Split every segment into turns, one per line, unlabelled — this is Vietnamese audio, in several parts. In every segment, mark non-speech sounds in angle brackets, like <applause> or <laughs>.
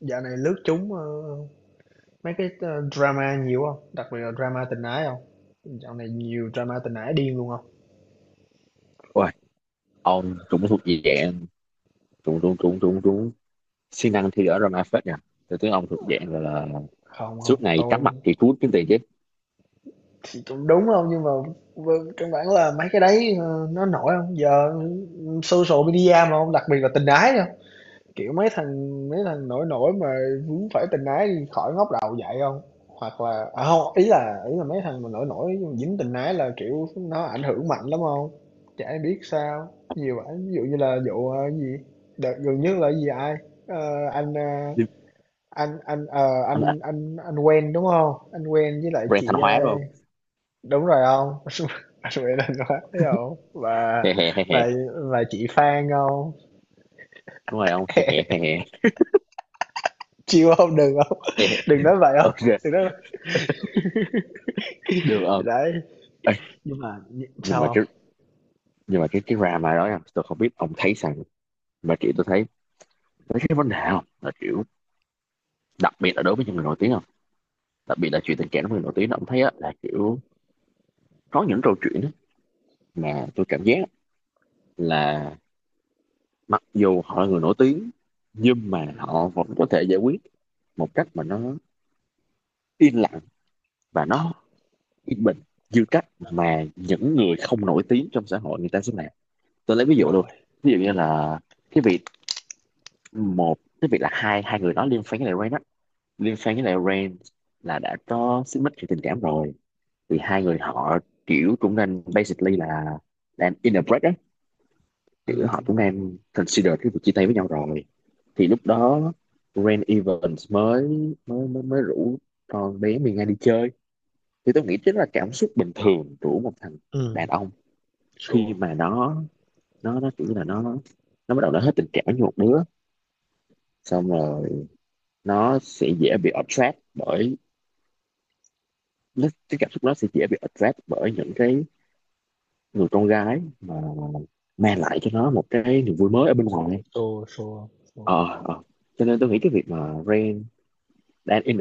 Dạo này lướt chúng mấy cái drama nhiều không? Đặc biệt là drama tình ái không? Dạo này nhiều drama tình ái điên luôn không?
Ôi, ông cũng thuộc gì dạng trúng trúng trúng trúng trúng siêng năng thi ở drama phết nha. Tôi thấy ông thuộc dạng là
Không, không,
suốt ngày
tôi
cắm mặt thì cuốn kiếm tiền chứ.
thì cũng đúng không, nhưng mà căn bản là mấy cái đấy nó nổi không? Giờ social media mà không, đặc biệt là tình ái. Kiểu mấy thằng nổi nổi mà vướng phải tình ái đi khỏi ngóc đầu dậy không? Hoặc là à, hông, ý là mấy thằng mà nổi nổi dính tình ái là, kiểu, nó ảnh hưởng mạnh lắm không? Chả ai biết sao, nhiều ảnh ví dụ như là vụ, cái gì, đợt gần nhất là cái gì ai, ờ, anh, a,
Nhưng
anh anh, ờ,
anh là
anh quen, đúng không? Anh quen với lại
brand Thanh
chị, a,
Hóa đúng không?
đúng rồi không? <laughs> Anh quen anh quá thấy hông?
Hè hè hè hè.
Và và chị Phan không?
Đúng rồi ông, hè hè
<laughs>
hè hè.
Chịu không? Đừng không?
Hè, hè.
Đừng nói vậy không?
OK,
Đừng nói vậy. <laughs>
được ông.
Đấy,
Ê,
nhưng mà
nhưng mà
sao
cái
không?
nhưng mà cái drama đó nha, tôi không biết ông thấy rằng, mà kiểu tôi thấy, tôi thấy cái vấn đề không là kiểu, đặc biệt là đối với những người nổi tiếng không, đặc biệt là chuyện tình cảm của người nổi tiếng ông thấy á, là kiểu có những câu chuyện á mà tôi cảm giác là mặc dù họ là người nổi tiếng nhưng mà
Ừm,
họ vẫn có thể giải quyết một cách mà nó yên lặng và nó yên bình như cách
đ
mà những người không nổi tiếng trong xã hội người ta sẽ làm. Tôi lấy ví dụ
đồng
luôn,
ý.
ví dụ như là cái việc, một cái việc là hai hai người đó liên fan với lại Rain á, liên fan với lại Rain là đã có xích mích về tình cảm rồi, thì hai người họ kiểu cũng nên, basically là đang in a break á, kiểu họ
Ừm,
cũng đang consider cái việc chia tay với nhau rồi. Thì lúc đó Rain Evans mới mới rủ con bé Miên Nga đi chơi. Thì tôi nghĩ chính là cảm xúc bình thường của một thằng đàn
ừm,
ông,
sure,
khi mà nó, nó kiểu như là nó bắt đầu nó hết tình cảm với một đứa, xong rồi nó sẽ dễ bị attract bởi nó, cái cảm xúc nó sẽ dễ bị attract bởi những cái người con gái mà mang lại cho nó một cái niềm vui mới ở bên ngoài.
sure, sure, sure.
ờ ờ. Cho nên tôi nghĩ cái việc mà Rain đang in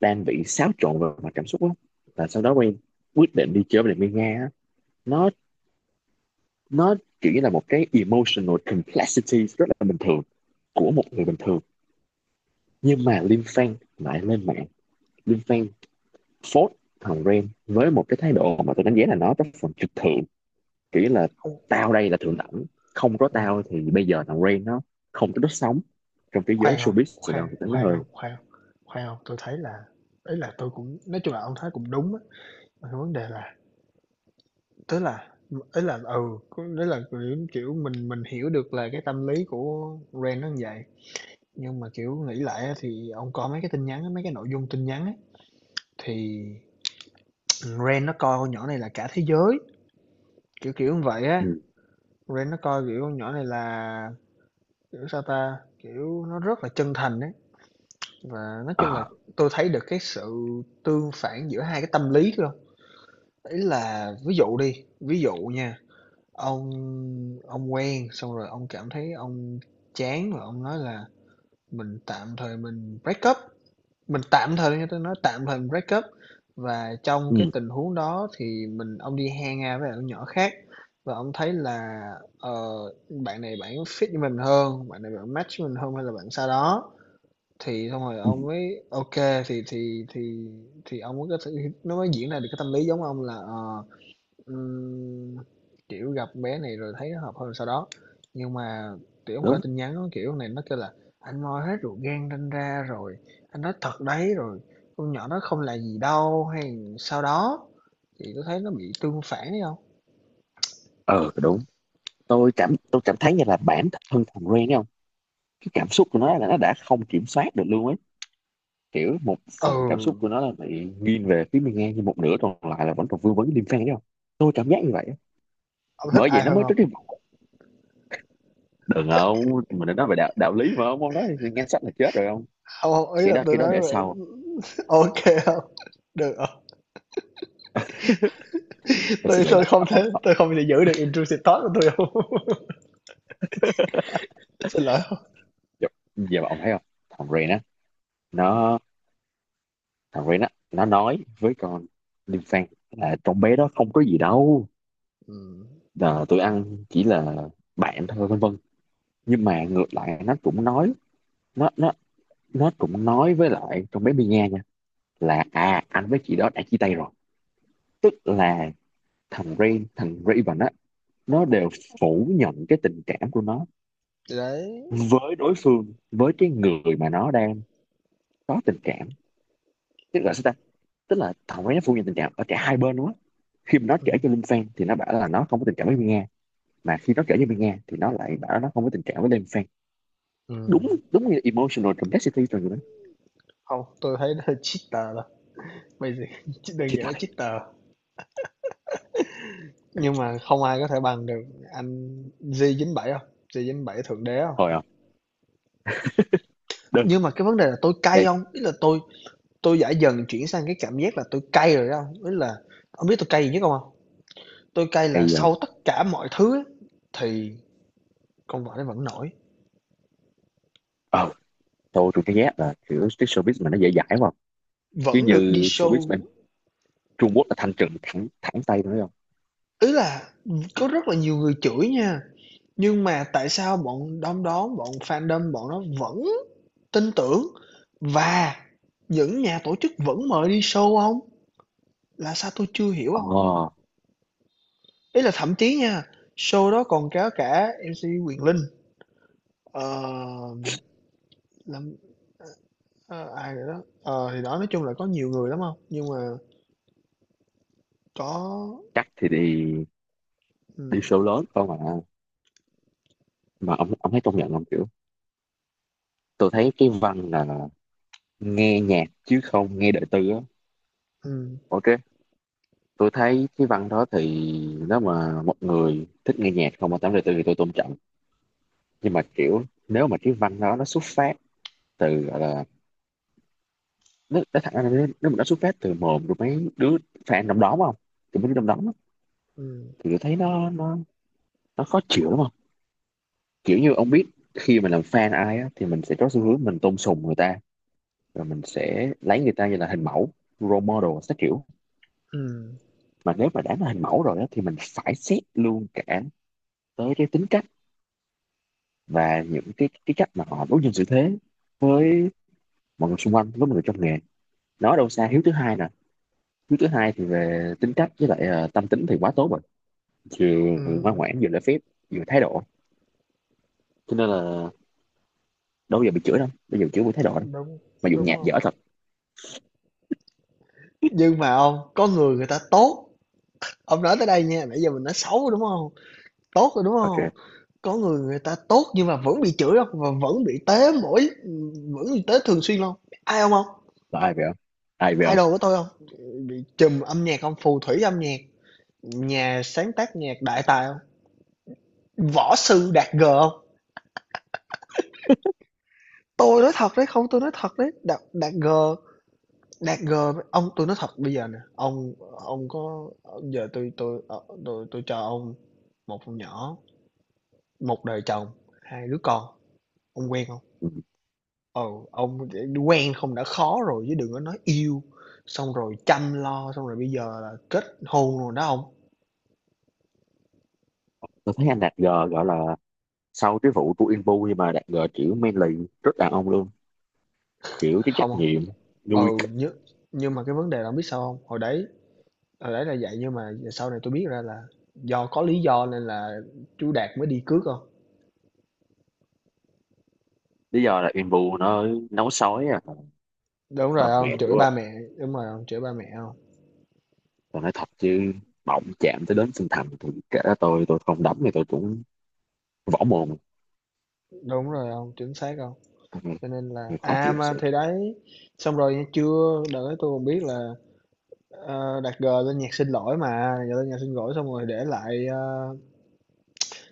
đang bị xáo trộn về mặt cảm xúc lắm, và sau đó Rain quyết định đi chơi với lại Mia Nga á. nó nó kiểu như là một cái emotional complexity rất là bình thường của một người bình thường. Nhưng mà Lim Fan lại lên mạng, Lim Fan phốt thằng Rain với một cái thái độ mà tôi đánh giá là nó rất phần trực thượng, kiểu là
Không,
tao đây là thượng đẳng, không có
ồ,
tao thì bây giờ thằng Rain nó không có đất sống trong cái giới
khoan không,
showbiz Sài Gòn
khoan
thì nó
khoan
hơi...
không, khoan không, khoan không, tôi thấy là, ý là tôi cũng nói chung là ông thấy cũng đúng á, mà cái vấn đề là, tức là, có nghĩa là, kiểu, kiểu, mình hiểu được là cái tâm lý của Ren nó như vậy, nhưng mà, kiểu, nghĩ lại á thì ông có mấy cái tin nhắn á, mấy cái nội dung tin nhắn á, thì Ren nó coi con nhỏ này là cả thế giới, kiểu kiểu như vậy á.
ừ,
Ren nó coi, kiểu, con nhỏ này là, kiểu, sao ta, kiểu, nó rất là chân thành ấy. Và nói chung là
ờ,
tôi thấy được cái sự tương phản giữa hai cái tâm lý luôn. Ý là ví dụ đi, ví dụ nha, ông ông quen xong rồi ông cảm thấy ông chán rồi ông nói là mình tạm thời mình break up. Mình tạm thời, nghe tôi nói, tạm thời mình break up, và trong cái
ừ,
tình huống đó thì mình ông đi hang ra với lại nhỏ khác, và ông thấy là, ờ, bạn này bạn fit với mình hơn, bạn này bạn match với mình hơn hay là bạn sao đó. Thì xong rồi
ừ,
ông mới ok, thì thì thì thì ông mới có thể, nó mới diễn ra được cái tâm lý giống ông là, Ừm, kiểu, gặp bé này rồi thấy nó hợp hơn sau đó, nhưng mà, kiểu, ông coi
đúng.
tin nhắn á, kiểu, này nó kêu là "Anh moi hết ruột gan ranh ra rồi, anh nói thật đấy, rồi con nhỏ nó không là gì đâu" hay sau đó, thì tui thấy nó bị tương phản thấy không?
Ờ Đúng. Tôi cảm, tôi cảm thấy như là bản thân thằng Ren ấy không, cái cảm xúc của nó là nó đã không kiểm soát được luôn ấy. Kiểu một
Ừ,
phần cảm xúc của nó là bị nghiêng về phía mình ngang, nhưng một nửa còn lại là vẫn còn vương vấn liêm phen đấy không. Tôi cảm giác như vậy á.
ông thích
Bởi vậy
ai
nó
hơn
mới tới
không?
cái vòng. Đừng không, mình đã nói về đạo đạo lý mà ông nói thì nghe sách là chết rồi không.
Hông, hông, ý
Cái
là
đó,
tôi
cái đó
nói
để sau.
<laughs> ok không? Được hông?
Mình
tôi
xin lại
tui
là
không thế,
ông,
tôi không thể giữ được intrusive thought của tôi không. <laughs> Xin lỗi không.
giờ, giờ mà ông thấy không, thằng Ren á nó, thằng Ren á nó nói với con liêm phen là con bé đó không có gì đâu,
Ừm,
là tụi ăn chỉ là bạn thôi vân vân. Nhưng mà ngược lại nó cũng nói, nó nó cũng nói với lại con bé Mia nha là à, anh với chị đó đã chia tay rồi. Tức là thằng Rain, thằng Raven á, nó đều phủ nhận cái tình cảm của nó
thì đấy,
với đối phương, với cái người mà nó đang có tình cảm. Tức là sao ta, tức là thằng Rain nó phủ nhận tình cảm ở cả hai bên luôn á. Khi mà nó kể
ừm,
cho Linh Fan thì nó bảo là nó không có tình cảm với Mia, mà khi nó kể cho Mia thì nó lại bảo nó không có tình cảm với Linh Fan.
ừm.
Đúng đúng như emotional complexity rồi người đó.
Không, tôi thấy nó hơi cheater thôi bây giờ. <laughs> Đơn
Chia
giản là
tay
cheater, nhưng mà không ai có thể bằng được anh J97 không, J97 thượng đế không,
thôi à. đơn
nhưng mà cái vấn đề là tôi cay
Đây.
không, ý là tôi đã dần chuyển sang cái cảm giác là tôi cay rồi đó không, ý là ông biết tôi cay gì nhất không không? Tôi cay là
Bây giờ...
sau tất cả mọi thứ ấy, thì con vợ nó vẫn nổi,
ờ, tôi thấy ghét là kiểu cái showbiz mà nó dễ dãi quá, chứ
vẫn được đi
như showbiz bên
show.
Trung Quốc là thanh trừng thẳng, thẳng tay tôi không.
Ý là có rất là nhiều người chửi nha, nhưng mà tại sao bọn đom đóm bọn fandom bọn nó vẫn tin tưởng, và những nhà tổ chức vẫn mời đi show ông, là sao tôi chưa hiểu không?
ờ
Ý là thậm chí nha, show đó còn có cả MC Quyền Linh, ờ, làm ờ, ai rồi đó. Ờ, thì đó, nói chung là có nhiều người lắm không, nhưng mà có
Chắc thì đi, đi
ừm,
show lớn không. Mà mà ông thấy công nhận không, kiểu tôi thấy cái văn là nghe nhạc chứ không nghe đời tư á.
ừm,
OK, tôi thấy cái văn đó thì nếu mà một người thích nghe nhạc không mà tám đời tư thì tôi tôn trọng. Nhưng mà kiểu nếu mà cái văn đó nó xuất phát từ gọi là, nó thẳng ra là nếu nếu mà nó xuất phát từ mồm của mấy đứa fan trong đó không, thì mấy đứa trong đó,
ừm,
thì tôi thấy nó khó chịu lắm không. Kiểu như ông biết, khi mà làm fan ai á, thì mình sẽ có xu hướng mình tôn sùng người ta, rồi mình sẽ lấy người ta như là hình mẫu, role model các kiểu.
ừm,
Mà nếu mà đã là hình mẫu rồi á, thì mình phải xét luôn cả tới cái tính cách và những cái cách mà họ đối nhân xử thế với mọi người xung quanh, với mọi người trong nghề. Nói đâu xa, Hiếu thứ hai nè, Hiếu thứ hai thì về tính cách với lại tâm tính thì quá tốt rồi, vừa ngoan
ừm,
ngoãn vừa lễ phép vừa thái độ, cho nên là đâu bao giờ bị chửi đâu, bây giờ chửi với thái độ đâu,
đúng,
mà dù
đúng
nhạc
không?
dở thật.
Nhưng mà ông, có người người ta tốt, ông nói tới đây nha, nãy giờ mình nói xấu, đúng không? Tốt rồi, đúng
OK,
không? Có người người ta tốt nhưng mà vẫn bị chửi không? Và vẫn bị tế mỗi, vẫn bị tế thường xuyên hông? Ai không hông?
là ai vậy không? Ai vậy không?
Idol của tôi không? Bị trùm âm nhạc không? Phù thủy âm nhạc, nhà sáng tác nhạc đại tài không? Võ sư Đạt G không? Tôi nói thật đấy, không, tôi nói thật đấy, Đạt Đạt G, Đạt G, ông tôi nói thật bây giờ nè, ông có, giờ tôi, tôi cho ông một con nhỏ, một đời chồng, 2 đứa con, ông quen không?
Ừ.
Ừ, ông quen không đã khó rồi chứ đừng có nói yêu, xong rồi chăm lo, xong rồi bây giờ là kết hôn rồi đó ông.
Tôi thấy anh Đạt G gọi là sau cái vụ của Inbu nhưng mà Đạt G kiểu manly, rất đàn ông luôn. Kiểu cái trách
Không, không,
nhiệm nuôi
ừ,
c-.
nhưng mà cái vấn đề là ông biết sao hông? Hồi đấy là vậy nhưng mà sau này tôi biết ra là do có lý do nên là chú Đạt mới đi cướp không.
Lý do là Inbu nó nấu sói à,
Đúng
ba
rồi ông,
mẹ
chửi
đúng
ba
không.
mẹ, đúng rồi ông, chửi ba mẹ không.
Tôi nói thật chứ, bỏng chạm tới đến sinh thành thì kể cả tôi không đấm thì tôi cũng võ mồm.
Đúng rồi ông, chính xác không. Cho nên là
Ừ, khó
à,
chịu thật
mà
sự.
thì đấy, xong rồi nghe chưa, đợi tôi còn biết là, Đạt G lên nhạc xin lỗi mà, Đạt G lên nhạc xin lỗi xong rồi để lại, a,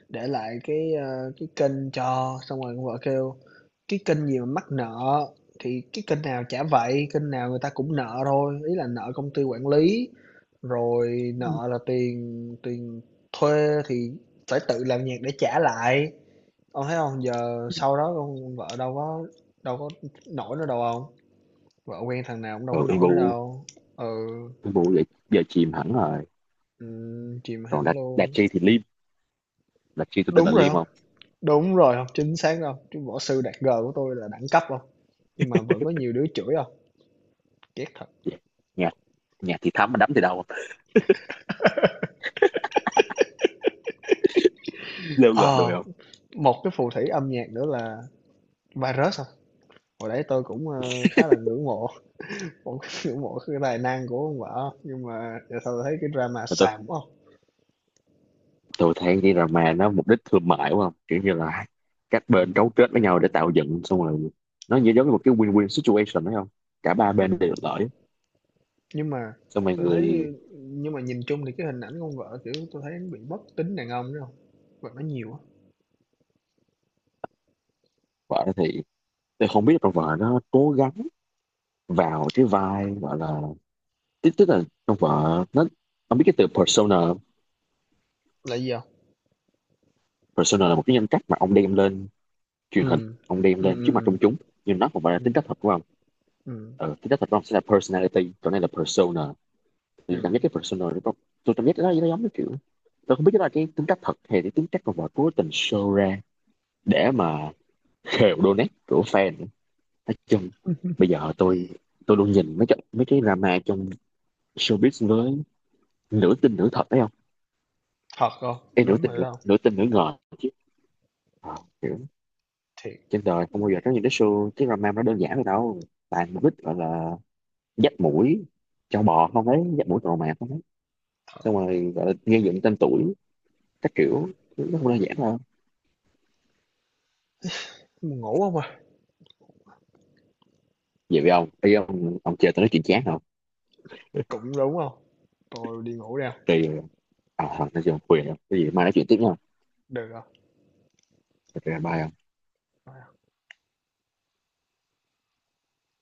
để lại cái, ơ, cái kênh cho, xong rồi con vợ kêu: "Cái kênh gì mà mắc nợ, thì cái kênh nào chả vậy, kênh nào người ta cũng nợ thôi." Ý là nợ công ty quản lý, rồi nợ là tiền tiền thuê thì phải tự làm nhạc để trả lại. Ông thấy không? Giờ sau đó con vợ đâu có nổi nữa đâu không, vợ quen thằng nào cũng đâu có
Ừ,
nổi nữa
Inbu,
đâu. Ừ,
Inbu vậy giờ chìm hẳn rồi.
chìm
Còn
hẳn
Đạt Đạt
luôn.
Chi thì Lim, Đạt Chi tôi tên là
Đúng rồi
Lim
không?
không.
Đúng rồi, không chính xác đâu, chứ võ sư Đạt G của tôi là đẳng cấp không, nhưng mà vẫn có nhiều đứa chửi không, ghét thật.
Dạ. nhà Nhà thì thắm mà đấm thì đâu, lêu gợn đùi
Ờ,
không.
một cái phù thủy âm nhạc nữa là Virus hông, hồi đấy tôi cũng, ơ, khá là ngưỡng mộ, <laughs> cũng ngưỡng mộ cái tài năng của ông vợ, không? Nhưng mà giờ sau thấy cái drama
Mà tôi
xàm quá hông.
tôi thấy đi là mà nó mục đích thương mại đúng không, kiểu như là các bên
Ừm,
cấu kết với nhau để tạo dựng, xong rồi nó như giống như một cái win-win situation đấy không, cả ba bên đều
ừm,
được lợi.
nhưng mà
Xong rồi
tôi thấy,
người
nhưng mà nhìn chung thì cái hình ảnh con vợ, kiểu, tôi thấy nó bị bất tính đàn ông đó không, và nó nhiều á.
vợ thì tôi không biết là con vợ nó cố gắng vào cái vai gọi là, tức tức là con vợ nó, ông biết cái từ persona không?
Là gì không?
Persona là một cái nhân cách mà ông đem lên truyền hình,
Ừm,
ông đem
ừm,
lên trước mặt
ừm,
công chúng, nhưng nó không phải là tính
ừm,
cách thật của ông.
ừm, ừm,
Ừ, tính cách thật của ông sẽ là personality, còn đây là persona. Thì cảm
ừm,
giác cái persona nó có, tôi cảm giác nó giống như kiểu, tôi không biết đó là cái tính cách thật hay cái tính cách mà họ cố tình show ra để mà khều donate của fan. Nói chung bây giờ tôi luôn nhìn mấy cái drama trong showbiz với nửa tin nửa thật phải không.
thật không?
Em nửa
Đúng
tin,
rồi đó.
nửa tin nửa ngờ chứ. Ờ, kiểu
Thiệt,
trên đời không bao
ừm,
giờ có những cái show, cái drama nó đơn giản vậy đâu, toàn mục đích gọi là dắt mũi cho bò không ấy, dắt mũi trò mạc không ấy,
thật,
xong rồi gọi là gây dựng tên tuổi các
ừm,
kiểu. Nó không đơn giản đâu.
ngủ không à?
Vậy với ông ý, ông chơi tôi nói chuyện chán không.
Cũng đúng không. Tôi đi ngủ đây,
Thì à, Hoàng sẽ dùng quyền á. Cái gì mai nói chuyện tiếp nha.
được hông?
Thật ra bye ạ.